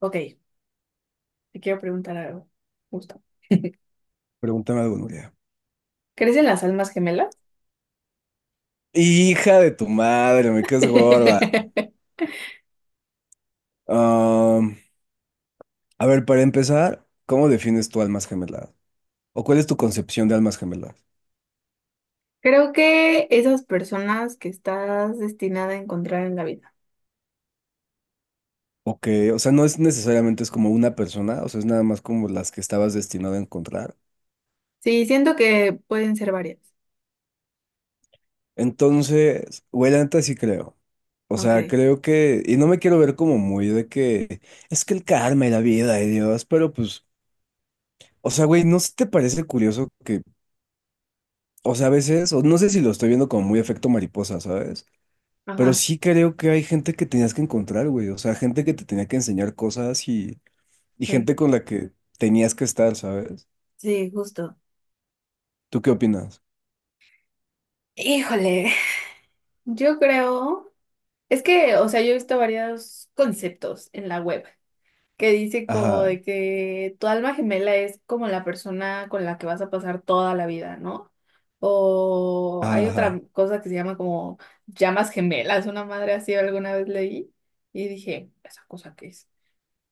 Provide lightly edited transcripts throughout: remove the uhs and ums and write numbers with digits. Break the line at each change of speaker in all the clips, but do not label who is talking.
Ok, te quiero preguntar algo, justo.
Pregúntame algo, Nuria.
¿Crees en las almas gemelas?
Hija de tu madre, me quedas gorda. Am, a ver, para empezar, ¿cómo defines tu almas gemelas? ¿O cuál es tu concepción de almas gemelas?
Creo que esas personas que estás destinada a encontrar en la vida.
O que, o sea, no es necesariamente es como una persona, o sea, es nada más como las que estabas destinado a encontrar.
Sí, siento que pueden ser varias.
Entonces, güey, la neta sí creo. O
Ok,
sea, creo que, y no me quiero ver como muy de que es que el karma y la vida y Dios, pero pues, o sea, güey, ¿no se te parece curioso que, o sea, a veces, o no sé si lo estoy viendo como muy efecto mariposa, sabes? Pero
ajá,
sí creo que hay gente que tenías que encontrar, güey. O sea, gente que te tenía que enseñar cosas y
sí,
gente con la que tenías que estar, ¿sabes?
sí, justo.
¿Tú qué opinas?
Híjole, yo creo, es que, o sea, yo he visto varios conceptos en la web que dice como
Ajá,
de que tu alma gemela es como la persona con la que vas a pasar toda la vida, ¿no? O hay
ajá, ajá.
otra cosa que se llama como llamas gemelas, una madre así alguna vez leí y dije, ¿esa cosa qué es?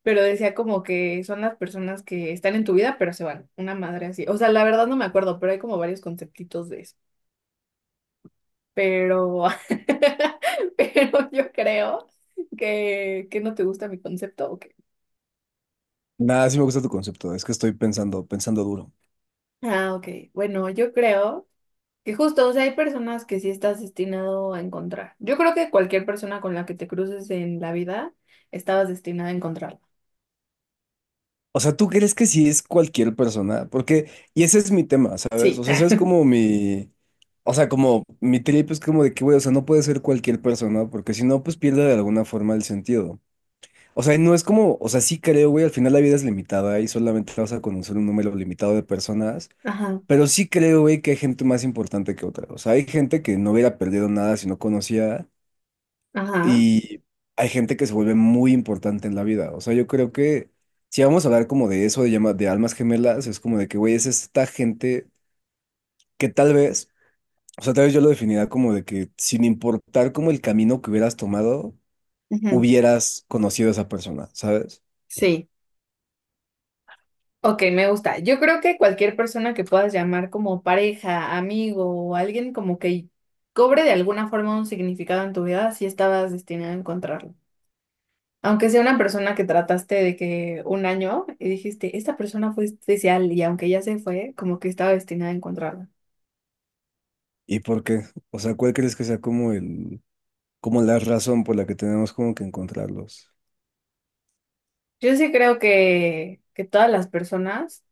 Pero decía como que son las personas que están en tu vida, pero se van, una madre así. O sea, la verdad no me acuerdo, pero hay como varios conceptitos de eso. Pero, pero yo creo que no te gusta mi concepto, ¿o qué?
Nada, sí me gusta tu concepto. Es que estoy pensando, pensando duro.
Ah, ok. Bueno, yo creo. Y justo, o sea, hay personas que sí estás destinado a encontrar. Yo creo que cualquier persona con la que te cruces en la vida, estabas destinada a encontrarla.
O sea, ¿tú crees que sí es cualquier persona? Porque, y ese es mi tema, ¿sabes?
Sí.
O sea, ese es como mi, o sea, como mi trip es como de que, güey, o sea, no puede ser cualquier persona, porque si no, pues pierde de alguna forma el sentido. O sea, no es como, o sea, sí creo, güey, al final la vida es limitada y solamente vas a conocer un número limitado de personas,
Ajá,
pero sí creo, güey, que hay gente más importante que otra. O sea, hay gente que no hubiera perdido nada si no conocía
ajá.
y hay gente que se vuelve muy importante en la vida. O sea, yo creo que si vamos a hablar como de eso, de, de almas gemelas, es como de que, güey, es esta gente que tal vez, o sea, tal vez yo lo definiría como de que sin importar como el camino que hubieras tomado,
Ujú.
hubieras conocido a esa persona, ¿sabes?
Sí. Ok, me gusta. Yo creo que cualquier persona que puedas llamar como pareja, amigo o alguien como que cobre de alguna forma un significado en tu vida, sí estabas destinada a encontrarlo. Aunque sea una persona que trataste de que un año y dijiste, esta persona fue especial y aunque ya se fue, como que estaba destinada a encontrarla.
¿Y por qué? O sea, ¿cuál crees que sea como el, como la razón por la que tenemos como que encontrarlos?
Yo sí creo que todas las personas,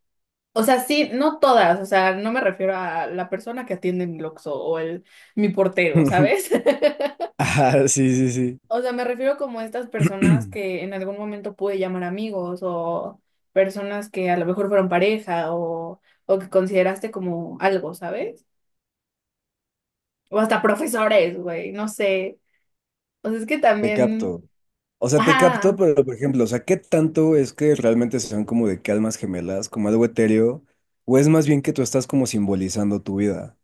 o sea, sí, no todas, o sea, no me refiero a la persona que atiende mi Oxxo o el mi portero, ¿sabes?
Ah, sí, sí,
O sea, me refiero como a estas personas
sí.
que en algún momento pude llamar amigos o personas que a lo mejor fueron pareja o que consideraste como algo, ¿sabes? O hasta profesores, güey, no sé. O sea, es que
Te
también,
capto. O sea, te capto,
ajá,
pero por ejemplo, o sea, ¿qué tanto es que realmente sean como de que almas gemelas, como algo etéreo? ¿O es más bien que tú estás como simbolizando tu vida?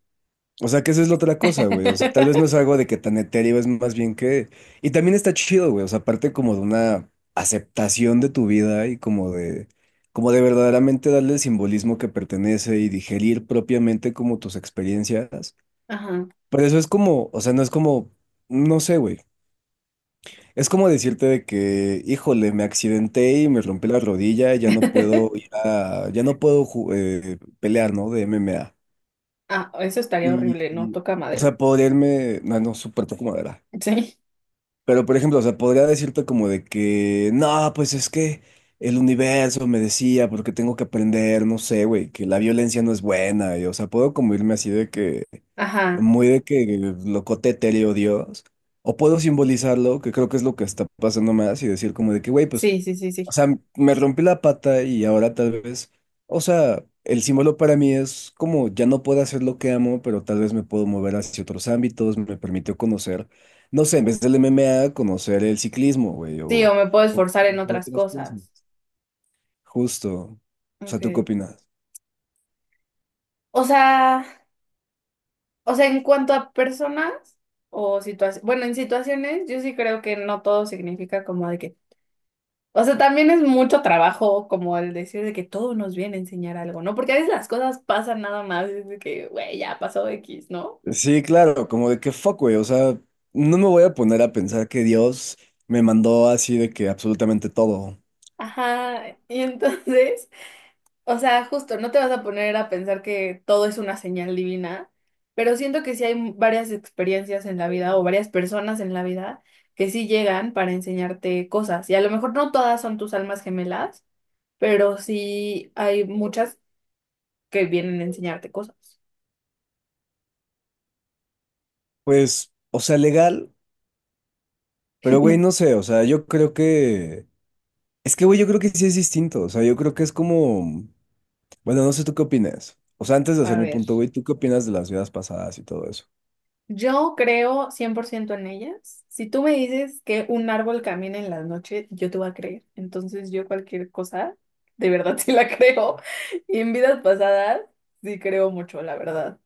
O sea, que esa es la otra cosa, güey. O sea, tal vez no es algo de que tan etéreo, es más bien que... Y también está chido, güey. O sea, aparte como de una aceptación de tu vida y como de... Como de verdaderamente darle el simbolismo que pertenece y digerir propiamente como tus experiencias.
ajá.
Pero eso es como, o sea, no es como, no sé, güey. Es como decirte de que, híjole, me accidenté y me rompí la rodilla, ya no puedo pelear, ¿no? De MMA.
Ah, eso estaría
Y,
horrible, ¿no?
y,
Toca
o
madera.
sea, podría irme, no, no, súper como era.
Sí.
Pero, por ejemplo, o sea, podría decirte como de que, no, pues es que el universo me decía, porque tengo que aprender, no sé, güey, que la violencia no es buena. Y, o sea, puedo como irme así de que,
Ajá.
muy de que locote etéreo Dios, o puedo simbolizarlo, que creo que es lo que está pasando más, y decir como de que, güey, pues,
Sí, sí, sí,
o
sí.
sea, me rompí la pata y ahora tal vez, o sea, el símbolo para mí es como ya no puedo hacer lo que amo, pero tal vez me puedo mover hacia otros ámbitos, me permitió conocer, no sé, en vez del MMA, conocer el ciclismo, güey,
Sí, o
o,
me puedo
o
esforzar en
conocer
otras
otras cosas.
cosas.
Justo. O sea, ¿tú qué
Okay.
opinas?
O sea, o sea, en cuanto a personas o situaciones, bueno, en situaciones yo sí creo que no todo significa como de que, o sea, también es mucho trabajo como el decir de que todo nos viene a enseñar algo, ¿no? Porque a veces las cosas pasan nada más, es de que, güey, ya pasó X, ¿no?
Sí, claro, como de que fuck, güey, o sea, no me voy a poner a pensar que Dios me mandó así de que absolutamente todo.
Ajá, y entonces... O sea, justo, no te vas a poner a pensar que todo es una señal divina, pero siento que sí hay varias experiencias en la vida o varias personas en la vida que sí llegan para enseñarte cosas. Y a lo mejor no todas son tus almas gemelas, pero sí hay muchas que vienen a enseñarte cosas.
Pues, o sea, legal, pero güey, no sé, o sea, yo creo que... Es que, güey, yo creo que sí es distinto, o sea, yo creo que es como... Bueno, no sé tú qué opinas. O sea, antes de hacer
A
mi
ver.
punto, güey, ¿tú qué opinas de las vidas pasadas y todo eso?
Yo creo 100% en ellas. Si tú me dices que un árbol camina en la noche, yo te voy a creer. Entonces yo cualquier cosa, de verdad sí la creo. Y en vidas pasadas, sí creo mucho, la verdad.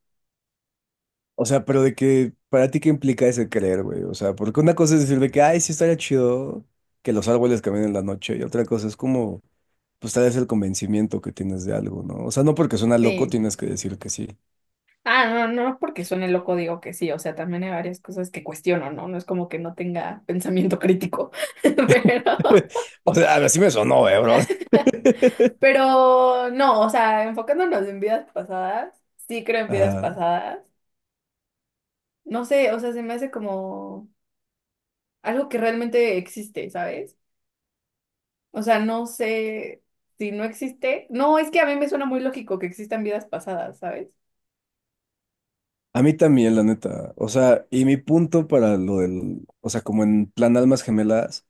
O sea, pero de que, para ti, ¿qué implica ese creer, güey? O sea, porque una cosa es decir de que, ay, sí estaría chido que los árboles caminen en la noche, y otra cosa es como... pues tal vez el convencimiento que tienes de algo, ¿no? O sea, no porque suena loco
Sí.
tienes que decir que sí.
Ah, no, no porque suene loco digo que sí. O sea, también hay varias cosas que cuestiono, ¿no? No es como que no tenga pensamiento crítico. Pero,
O sea, así me sonó, bro.
pero no, o sea, enfocándonos en vidas pasadas, sí creo en vidas
Ajá.
pasadas. No sé, o sea, se me hace como... algo que realmente existe, ¿sabes? O sea, no sé si no existe. No, es que a mí me suena muy lógico que existan vidas pasadas, ¿sabes?
A mí también, la neta. O sea, y mi punto para lo del, o sea, como en plan almas gemelas.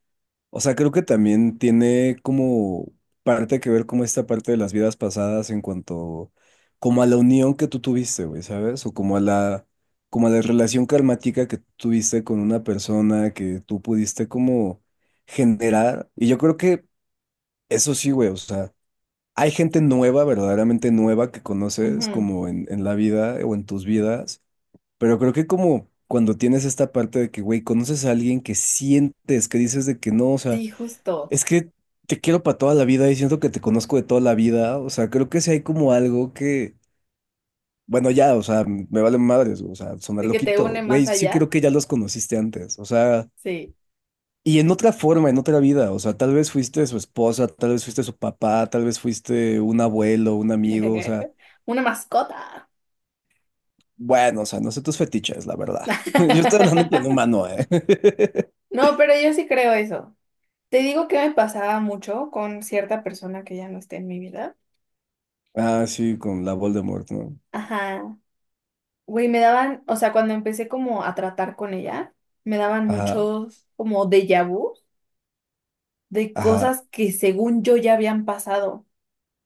O sea, creo que también tiene como parte que ver como esta parte de las vidas pasadas en cuanto como a la unión que tú tuviste, güey, ¿sabes? O como a la relación karmática que tuviste con una persona que tú pudiste como generar. Y yo creo que eso sí, güey, o sea, hay gente nueva, verdaderamente nueva que conoces
Ujú.
como en la vida o en tus vidas, pero creo que como cuando tienes esta parte de que, güey, conoces a alguien que sientes, que dices de que no, o sea,
Sí, justo.
es que te quiero para toda la vida y siento que te conozco de toda la vida. O sea, creo que si hay como algo que, bueno, ya, o sea, me vale madres, o sea, sonar
Sí, que te
loquito.
une más
Güey, sí
allá.
creo que ya los conociste antes. O sea,
Sí.
y en otra forma, en otra vida. O sea, tal vez fuiste su esposa, tal vez fuiste su papá, tal vez fuiste un abuelo, un amigo. O sea,
Una mascota.
bueno, o sea, no sé tus fetiches, la verdad. Yo estoy hablando en plan humano, ¿eh?
No, pero yo sí creo eso. Te digo que me pasaba mucho con cierta persona que ya no esté en mi vida.
Ah, sí, con la Voldemort, ¿no?
Ajá. Güey, me daban, o sea, cuando empecé como a tratar con ella, me daban
Ajá,
muchos como déjà vu de
ajá,
cosas que según yo ya habían pasado.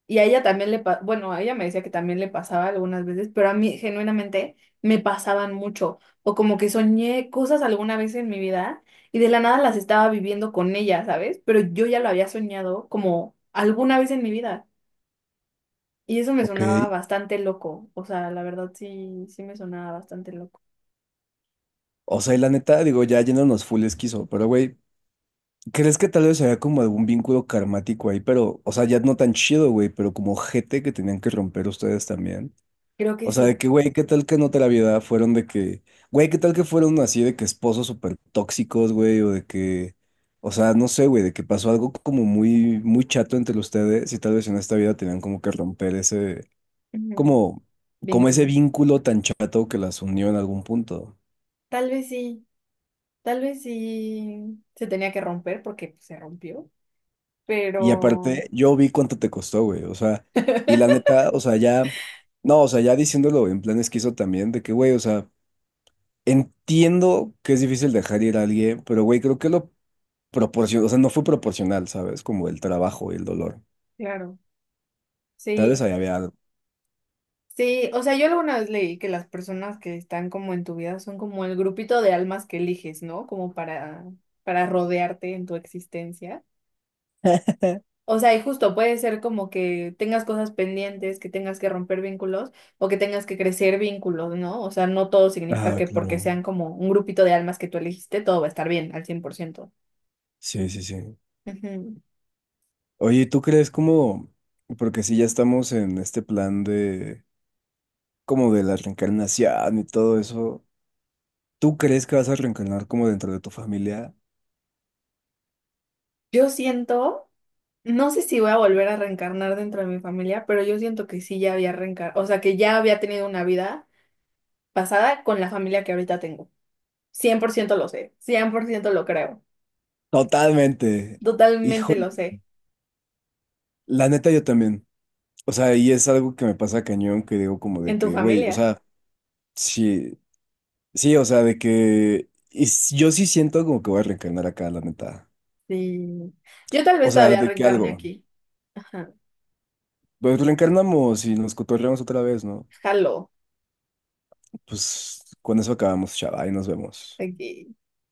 Y a ella también le, bueno, a ella me decía que también le pasaba algunas veces, pero a mí genuinamente me pasaban mucho. O como que soñé cosas alguna vez en mi vida y de la nada las estaba viviendo con ella, ¿sabes? Pero yo ya lo había soñado como alguna vez en mi vida. Y eso me
ok.
sonaba bastante loco. O sea, la verdad sí me sonaba bastante loco.
O sea, y la neta, digo, ya yéndonos full esquizo, pero güey, ¿crees que tal vez había como algún vínculo karmático ahí? Pero, o sea, ya no tan chido, güey, pero como gente que tenían que romper ustedes también.
Creo que
O sea, de
sí.
que, güey, ¿qué tal que en otra vida fueron de que, güey, qué tal que fueron así de que esposos súper tóxicos, güey? O de que, o sea, no sé, güey, de que pasó algo como muy, muy chato entre ustedes y tal vez en esta vida tenían como que romper ese,
Ujú.
como, como ese
Vínculo.
vínculo tan chato que las unió en algún punto.
Tal vez sí. Tal vez sí se tenía que romper porque pues, se rompió.
Y
Pero
aparte, yo vi cuánto te costó, güey. O sea, y la neta, o sea, ya, no, o sea, ya diciéndolo en plan esquizo también, de que, güey, o sea, entiendo que es difícil dejar ir a alguien, pero, güey, creo que lo proporcionó, o sea, no fue proporcional, ¿sabes? Como el trabajo y el dolor.
claro,
Tal vez
sí,
ahí había algo.
sí, o sea, yo alguna vez leí que las personas que están como en tu vida son como el grupito de almas que eliges, ¿no? Como para rodearte en tu existencia. O sea, y justo puede ser como que tengas cosas pendientes, que tengas que romper vínculos o que tengas que crecer vínculos, ¿no? O sea, no todo significa
Ah,
que porque
claro.
sean como un grupito de almas que tú elegiste, todo va a estar bien al 100%.
Sí, sí, sí.
Ujú.
Oye, ¿tú crees como, porque si ya estamos en este plan de, como de la reencarnación y todo eso, ¿tú crees que vas a reencarnar como dentro de tu familia?
Yo siento. No sé si voy a volver a reencarnar dentro de mi familia, pero yo siento que sí ya había reencarnado, o sea, que ya había tenido una vida pasada con la familia que ahorita tengo. 100% lo sé, 100% lo creo,
Totalmente. Hijo,
totalmente lo sé.
la neta yo también. O sea, y es algo que me pasa cañón, que digo como de
¿En tu
que, güey, o
familia?
sea, sí, sí, o sea, de que y yo sí siento como que voy a reencarnar acá, la neta.
Sí. Yo tal vez
O sea,
todavía
de que
reencarne
algo,
aquí. Ajá.
pues reencarnamos y nos cotorreamos otra vez, ¿no?
Jalo,
Pues con eso acabamos, chava, y nos vemos.
aquí.